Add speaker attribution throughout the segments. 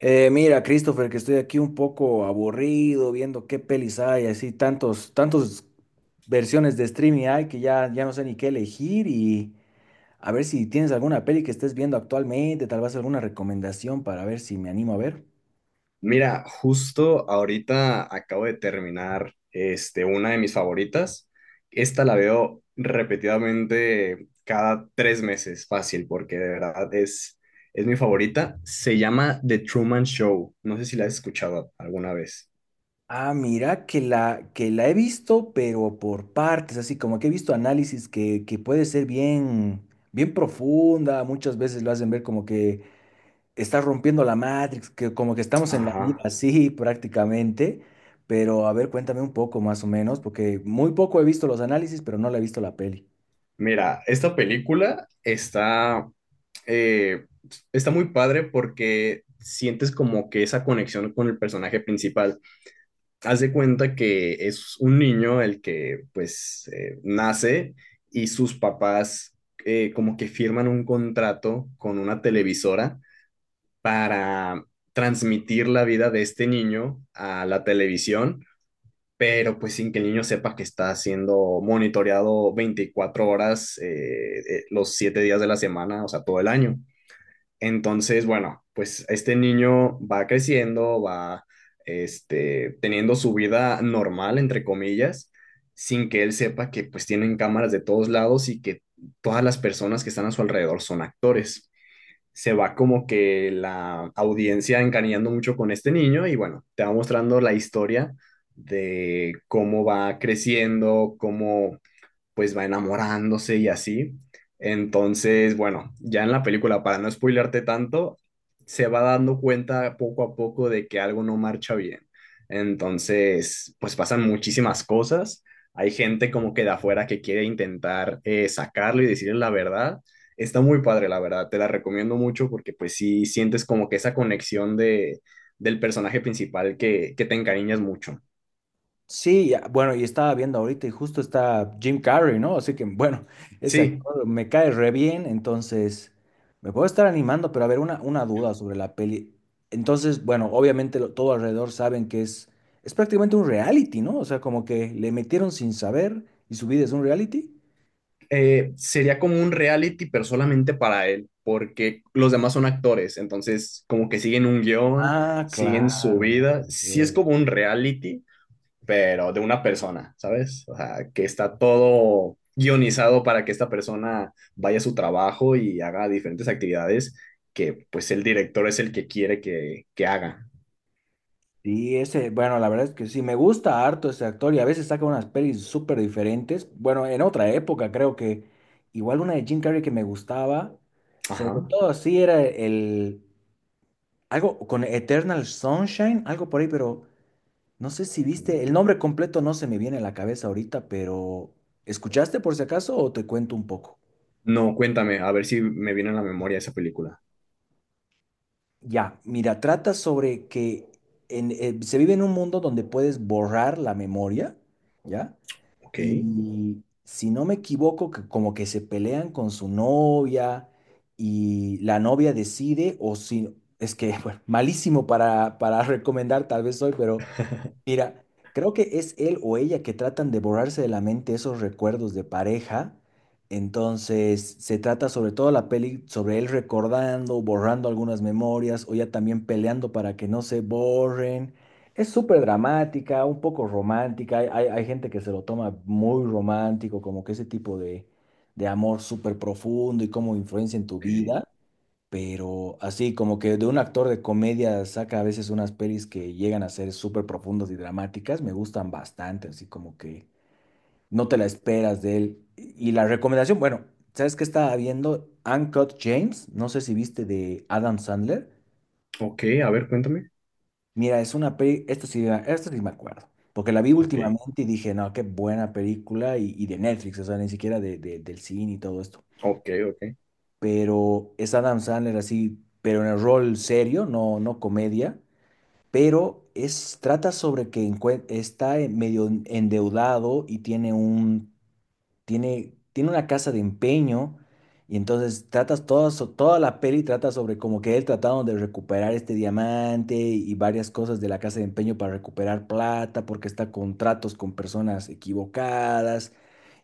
Speaker 1: Mira, Christopher, que estoy aquí un poco aburrido viendo qué pelis hay, así tantos versiones de streaming hay que ya no sé ni qué elegir y a ver si tienes alguna peli que estés viendo actualmente, tal vez alguna recomendación para ver si me animo a ver.
Speaker 2: Mira, justo ahorita acabo de terminar una de mis favoritas. Esta la veo repetidamente cada 3 meses, fácil, porque de verdad es mi favorita. Se llama The Truman Show. No sé si la has escuchado alguna vez.
Speaker 1: Ah, mira, que la he visto, pero por partes, así como que he visto análisis que puede ser bien profunda, muchas veces lo hacen ver como que está rompiendo la Matrix, que como que estamos en la vida
Speaker 2: Ajá.
Speaker 1: así prácticamente, pero a ver, cuéntame un poco más o menos, porque muy poco he visto los análisis, pero no la he visto la peli.
Speaker 2: Mira, esta película eh, está muy padre porque sientes como que esa conexión con el personaje principal. Hace cuenta que es un niño el que pues nace y sus papás como que firman un contrato con una televisora para transmitir la vida de este niño a la televisión, pero pues sin que el niño sepa que está siendo monitoreado 24 horas los 7 días de la semana, o sea, todo el año. Entonces, bueno, pues este niño va creciendo, va teniendo su vida normal, entre comillas, sin que él sepa que pues tienen cámaras de todos lados y que todas las personas que están a su alrededor son actores. Se va como que la audiencia encariñando mucho con este niño y bueno, te va mostrando la historia de cómo va creciendo, cómo pues va enamorándose y así. Entonces, bueno, ya en la película, para no spoilearte tanto, se va dando cuenta poco a poco de que algo no marcha bien. Entonces, pues pasan muchísimas cosas. Hay gente como que de afuera que quiere intentar sacarlo y decirle la verdad. Está muy padre, la verdad. Te la recomiendo mucho porque pues sí sientes como que esa conexión del personaje principal que te encariñas mucho.
Speaker 1: Sí, bueno, y estaba viendo ahorita y justo está Jim Carrey, ¿no? Así que bueno, ese
Speaker 2: Sí,
Speaker 1: actor me cae re bien, entonces me puedo estar animando, pero a ver, una duda sobre la peli. Entonces, bueno, obviamente todo alrededor saben que es prácticamente un reality, ¿no? O sea, como que le metieron sin saber y su vida es un reality.
Speaker 2: sería como un reality, pero solamente para él, porque los demás son actores, entonces como que siguen un guión,
Speaker 1: Ah,
Speaker 2: siguen su
Speaker 1: claro, ¿no?
Speaker 2: vida. Sí es
Speaker 1: Cierto.
Speaker 2: como un reality, pero de una persona, ¿sabes? O sea, que está todo guionizado para que esta persona vaya a su trabajo y haga diferentes actividades que pues el director es el que quiere que haga.
Speaker 1: Sí, ese, bueno, la verdad es que sí, me gusta harto ese actor y a veces saca unas pelis súper diferentes. Bueno, en otra época creo que igual una de Jim Carrey que me gustaba, sobre
Speaker 2: Ajá.
Speaker 1: todo así era algo con Eternal Sunshine, algo por ahí, pero no sé si viste, el nombre completo no se me viene a la cabeza ahorita, pero ¿escuchaste por si acaso o te cuento un poco?
Speaker 2: No, cuéntame, a ver si me viene a la memoria esa película.
Speaker 1: Ya, mira, trata sobre que se vive en un mundo donde puedes borrar la memoria, ¿ya?
Speaker 2: Ok,
Speaker 1: Y si no me equivoco, que como que se pelean con su novia y la novia decide, o si, es que, bueno, malísimo para recomendar tal vez hoy, pero mira, creo que es él o ella que tratan de borrarse de la mente esos recuerdos de pareja. Entonces, se trata sobre todo la peli sobre él recordando, borrando algunas memorias o ya también peleando para que no se borren. Es súper dramática, un poco romántica. Hay gente que se lo toma muy romántico, como que ese tipo de amor súper profundo y cómo influencia en tu
Speaker 2: ok,
Speaker 1: vida. Pero así, como que de un actor de comedia saca a veces unas pelis que llegan a ser súper profundas y dramáticas, me gustan bastante, así como que no te la esperas de él. Y la recomendación, bueno, ¿sabes qué estaba viendo? Uncut James, no sé si viste de Adam Sandler.
Speaker 2: ok, a ver, cuéntame.
Speaker 1: Mira, es una peli, esto sí me acuerdo, porque la vi
Speaker 2: Ok.
Speaker 1: últimamente y dije, no, qué buena película, y de Netflix, o sea, ni siquiera del cine y todo esto.
Speaker 2: Ok, ok,
Speaker 1: Pero es Adam Sandler así, pero en el rol serio, no comedia, pero es, trata sobre que encue- está en- medio en- endeudado y tiene tiene una casa de empeño y entonces toda la peli trata sobre como que él tratando de recuperar este diamante y varias cosas de la casa de empeño para recuperar plata porque está con tratos con personas equivocadas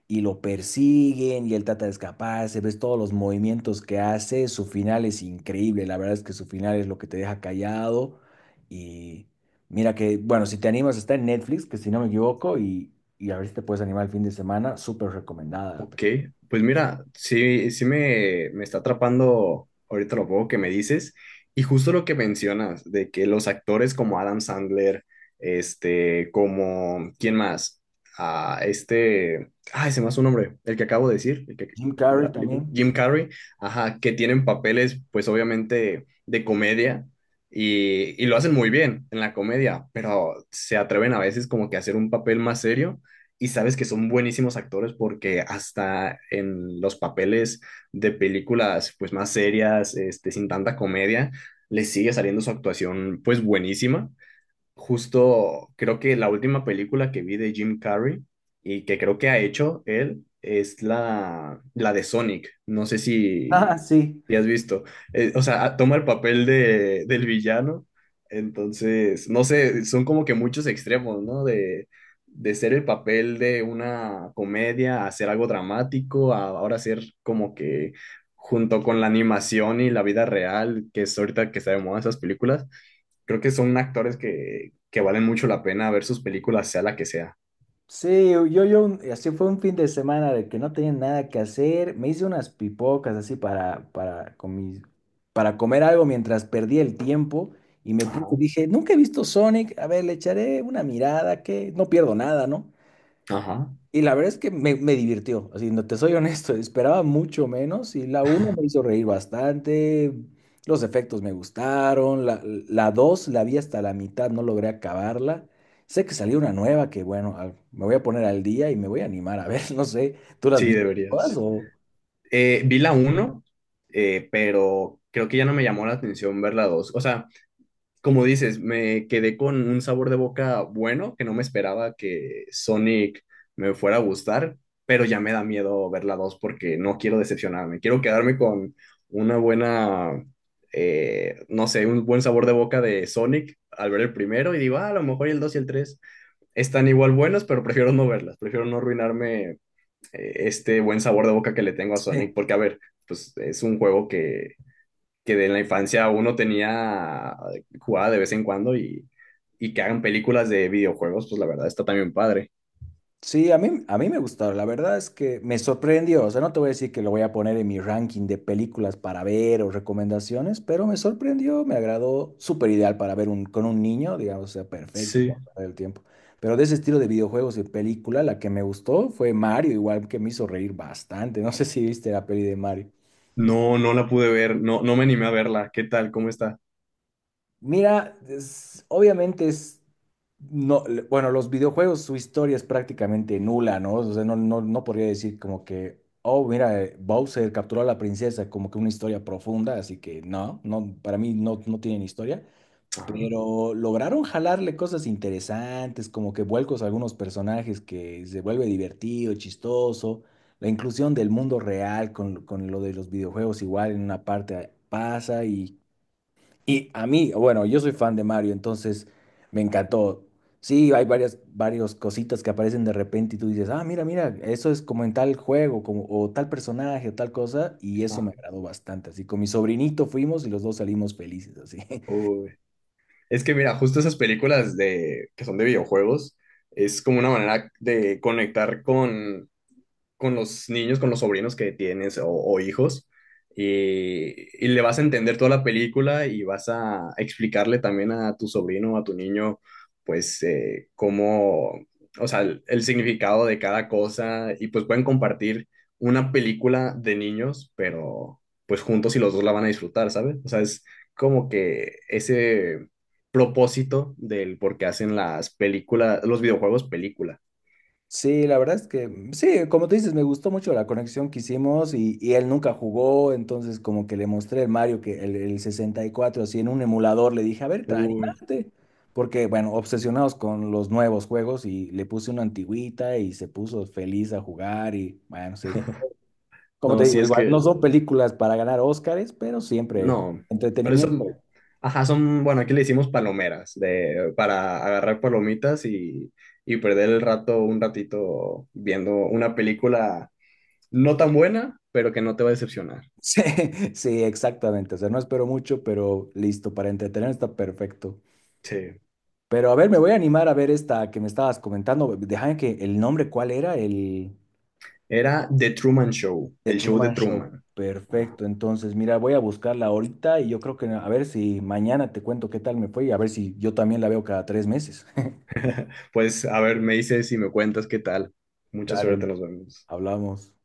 Speaker 1: y lo persiguen y él trata de escaparse, ves todos los movimientos que hace, su final es increíble, la verdad es que su final es lo que te deja callado y mira que, bueno, si te animas está en Netflix, que si no me equivoco, y a ver si te puedes animar el fin de semana, súper recomendada.
Speaker 2: ok. Pues mira, sí, sí me está atrapando ahorita lo poco que me dices y justo lo que mencionas, de que los actores como Adam Sandler, como, ¿quién más? Ah, ay, se me hace un nombre, el que acabo de decir,
Speaker 1: Jim
Speaker 2: el de
Speaker 1: Carrey
Speaker 2: la película,
Speaker 1: también.
Speaker 2: Jim Carrey, ajá, que tienen papeles, pues obviamente, de comedia y lo hacen muy bien en la comedia, pero se atreven a veces como que a hacer un papel más serio y sabes que son buenísimos actores porque hasta en los papeles de películas pues más serias, sin tanta comedia, les sigue saliendo su actuación pues buenísima. Justo creo que la última película que vi de Jim Carrey y que creo que ha hecho él es la de Sonic. No sé si,
Speaker 1: Ah, sí.
Speaker 2: si has visto. O sea, ah, toma el papel del villano. Entonces, no sé, son como que muchos extremos, ¿no? De ser el papel de una comedia a ser algo dramático, a ahora ser como que junto con la animación y la vida real, que es ahorita que sabemos esas películas. Creo que son actores que valen mucho la pena ver sus películas, sea la que sea.
Speaker 1: Sí, así fue un fin de semana de que no tenía nada que hacer. Me hice unas pipocas así para comer algo mientras perdía el tiempo y me
Speaker 2: Ajá,
Speaker 1: puse, dije, nunca he visto Sonic, a ver, le echaré una mirada que no pierdo nada, ¿no?
Speaker 2: ajá.
Speaker 1: Y la verdad es que me divirtió, así, no te soy honesto, esperaba mucho menos y la uno me hizo reír bastante, los efectos me gustaron, la 2 la vi hasta la mitad, no logré acabarla. Sé que salió una nueva que, bueno, me voy a poner al día y me voy a animar a ver, no sé, ¿tú las
Speaker 2: Sí,
Speaker 1: viste todas
Speaker 2: deberías.
Speaker 1: o...?
Speaker 2: Vi la uno, pero creo que ya no me llamó la atención ver la 2. O sea, como dices, me quedé con un sabor de boca bueno, que no me esperaba que Sonic me fuera a gustar, pero ya me da miedo ver la 2 porque no quiero decepcionarme. Quiero quedarme con una buena, no sé, un buen sabor de boca de Sonic al ver el primero y digo, "Ah, a lo mejor y el 2 y el 3 están igual buenos, pero prefiero no verlas, prefiero no arruinarme este buen sabor de boca que le tengo a Sonic,
Speaker 1: Sí.
Speaker 2: porque a ver, pues es un juego que de la infancia uno tenía jugada de vez en cuando y que hagan películas de videojuegos, pues la verdad está también padre.
Speaker 1: Sí, a mí me gustó, la verdad es que me sorprendió, o sea, no te voy a decir que lo voy a poner en mi ranking de películas para ver o recomendaciones, pero me sorprendió, me agradó, súper ideal para ver con un niño, digamos, o sea, perfecto
Speaker 2: Sí.
Speaker 1: para perder el tiempo. Pero de ese estilo de videojuegos y película, la que me gustó fue Mario, igual que me hizo reír bastante, no sé si viste la peli de Mario.
Speaker 2: No, no la pude ver, no, no me animé a verla. ¿Qué tal? ¿Cómo está?
Speaker 1: Mira, obviamente no, bueno, los videojuegos, su historia es prácticamente nula, ¿no? O sea, no podría decir como que, oh, mira, Bowser capturó a la princesa, como que una historia profunda, así que no, para mí no tienen historia,
Speaker 2: Ajá.
Speaker 1: pero lograron jalarle cosas interesantes, como que vuelcos a algunos personajes que se vuelve divertido, chistoso, la inclusión del mundo real con lo de los videojuegos igual en una parte pasa y a mí, bueno, yo soy fan de Mario, entonces me encantó. Sí, hay varias cositas que aparecen de repente y tú dices, ah, mira, eso es como en tal juego, como, o tal personaje, o tal cosa, y eso me
Speaker 2: Ajá.
Speaker 1: agradó bastante. Así, con mi sobrinito fuimos y los dos salimos felices, así.
Speaker 2: Uy. Es que mira, justo esas películas de que son de videojuegos es como una manera de conectar con los niños, con los sobrinos que tienes o hijos, y, y le vas a entender toda la película y vas a explicarle también a tu sobrino o a tu niño, pues, cómo, o sea, el significado de cada cosa, y pues pueden compartir una película de niños, pero pues juntos y los dos la van a disfrutar, ¿sabes? O sea, es como que ese propósito del por qué hacen las películas, los videojuegos película.
Speaker 1: Sí, la verdad es que sí, como tú dices, me gustó mucho la conexión que hicimos y él nunca jugó, entonces como que le mostré el Mario el 64, así en un emulador, le dije, a ver,
Speaker 2: Uy,
Speaker 1: anímate, porque bueno, obsesionados con los nuevos juegos y le puse una antigüita y se puso feliz a jugar y bueno, sí. Como te
Speaker 2: no, sí
Speaker 1: digo,
Speaker 2: es
Speaker 1: igual no
Speaker 2: que
Speaker 1: son películas para ganar Óscares, pero siempre
Speaker 2: no, pero eso,
Speaker 1: entretenimiento.
Speaker 2: ajá, son, bueno, aquí le decimos palomeras, de, para agarrar palomitas y perder el rato, un ratito viendo una película no tan buena, pero que no te va a decepcionar.
Speaker 1: Sí, sí, exactamente. O sea, no espero mucho, pero listo, para entretener está perfecto.
Speaker 2: Sí.
Speaker 1: Pero a ver, me voy a animar a ver esta que me estabas comentando. Déjame que el nombre, ¿cuál era? El
Speaker 2: Era The Truman Show,
Speaker 1: The
Speaker 2: el show de
Speaker 1: Truman Show.
Speaker 2: Truman. Ah.
Speaker 1: Perfecto. Entonces, mira, voy a buscarla ahorita y yo creo que a ver si mañana te cuento qué tal me fue y a ver si yo también la veo cada 3 meses.
Speaker 2: Pues, a ver, me dices y me cuentas qué tal. Mucha suerte,
Speaker 1: Dale,
Speaker 2: nos vemos.
Speaker 1: hablamos.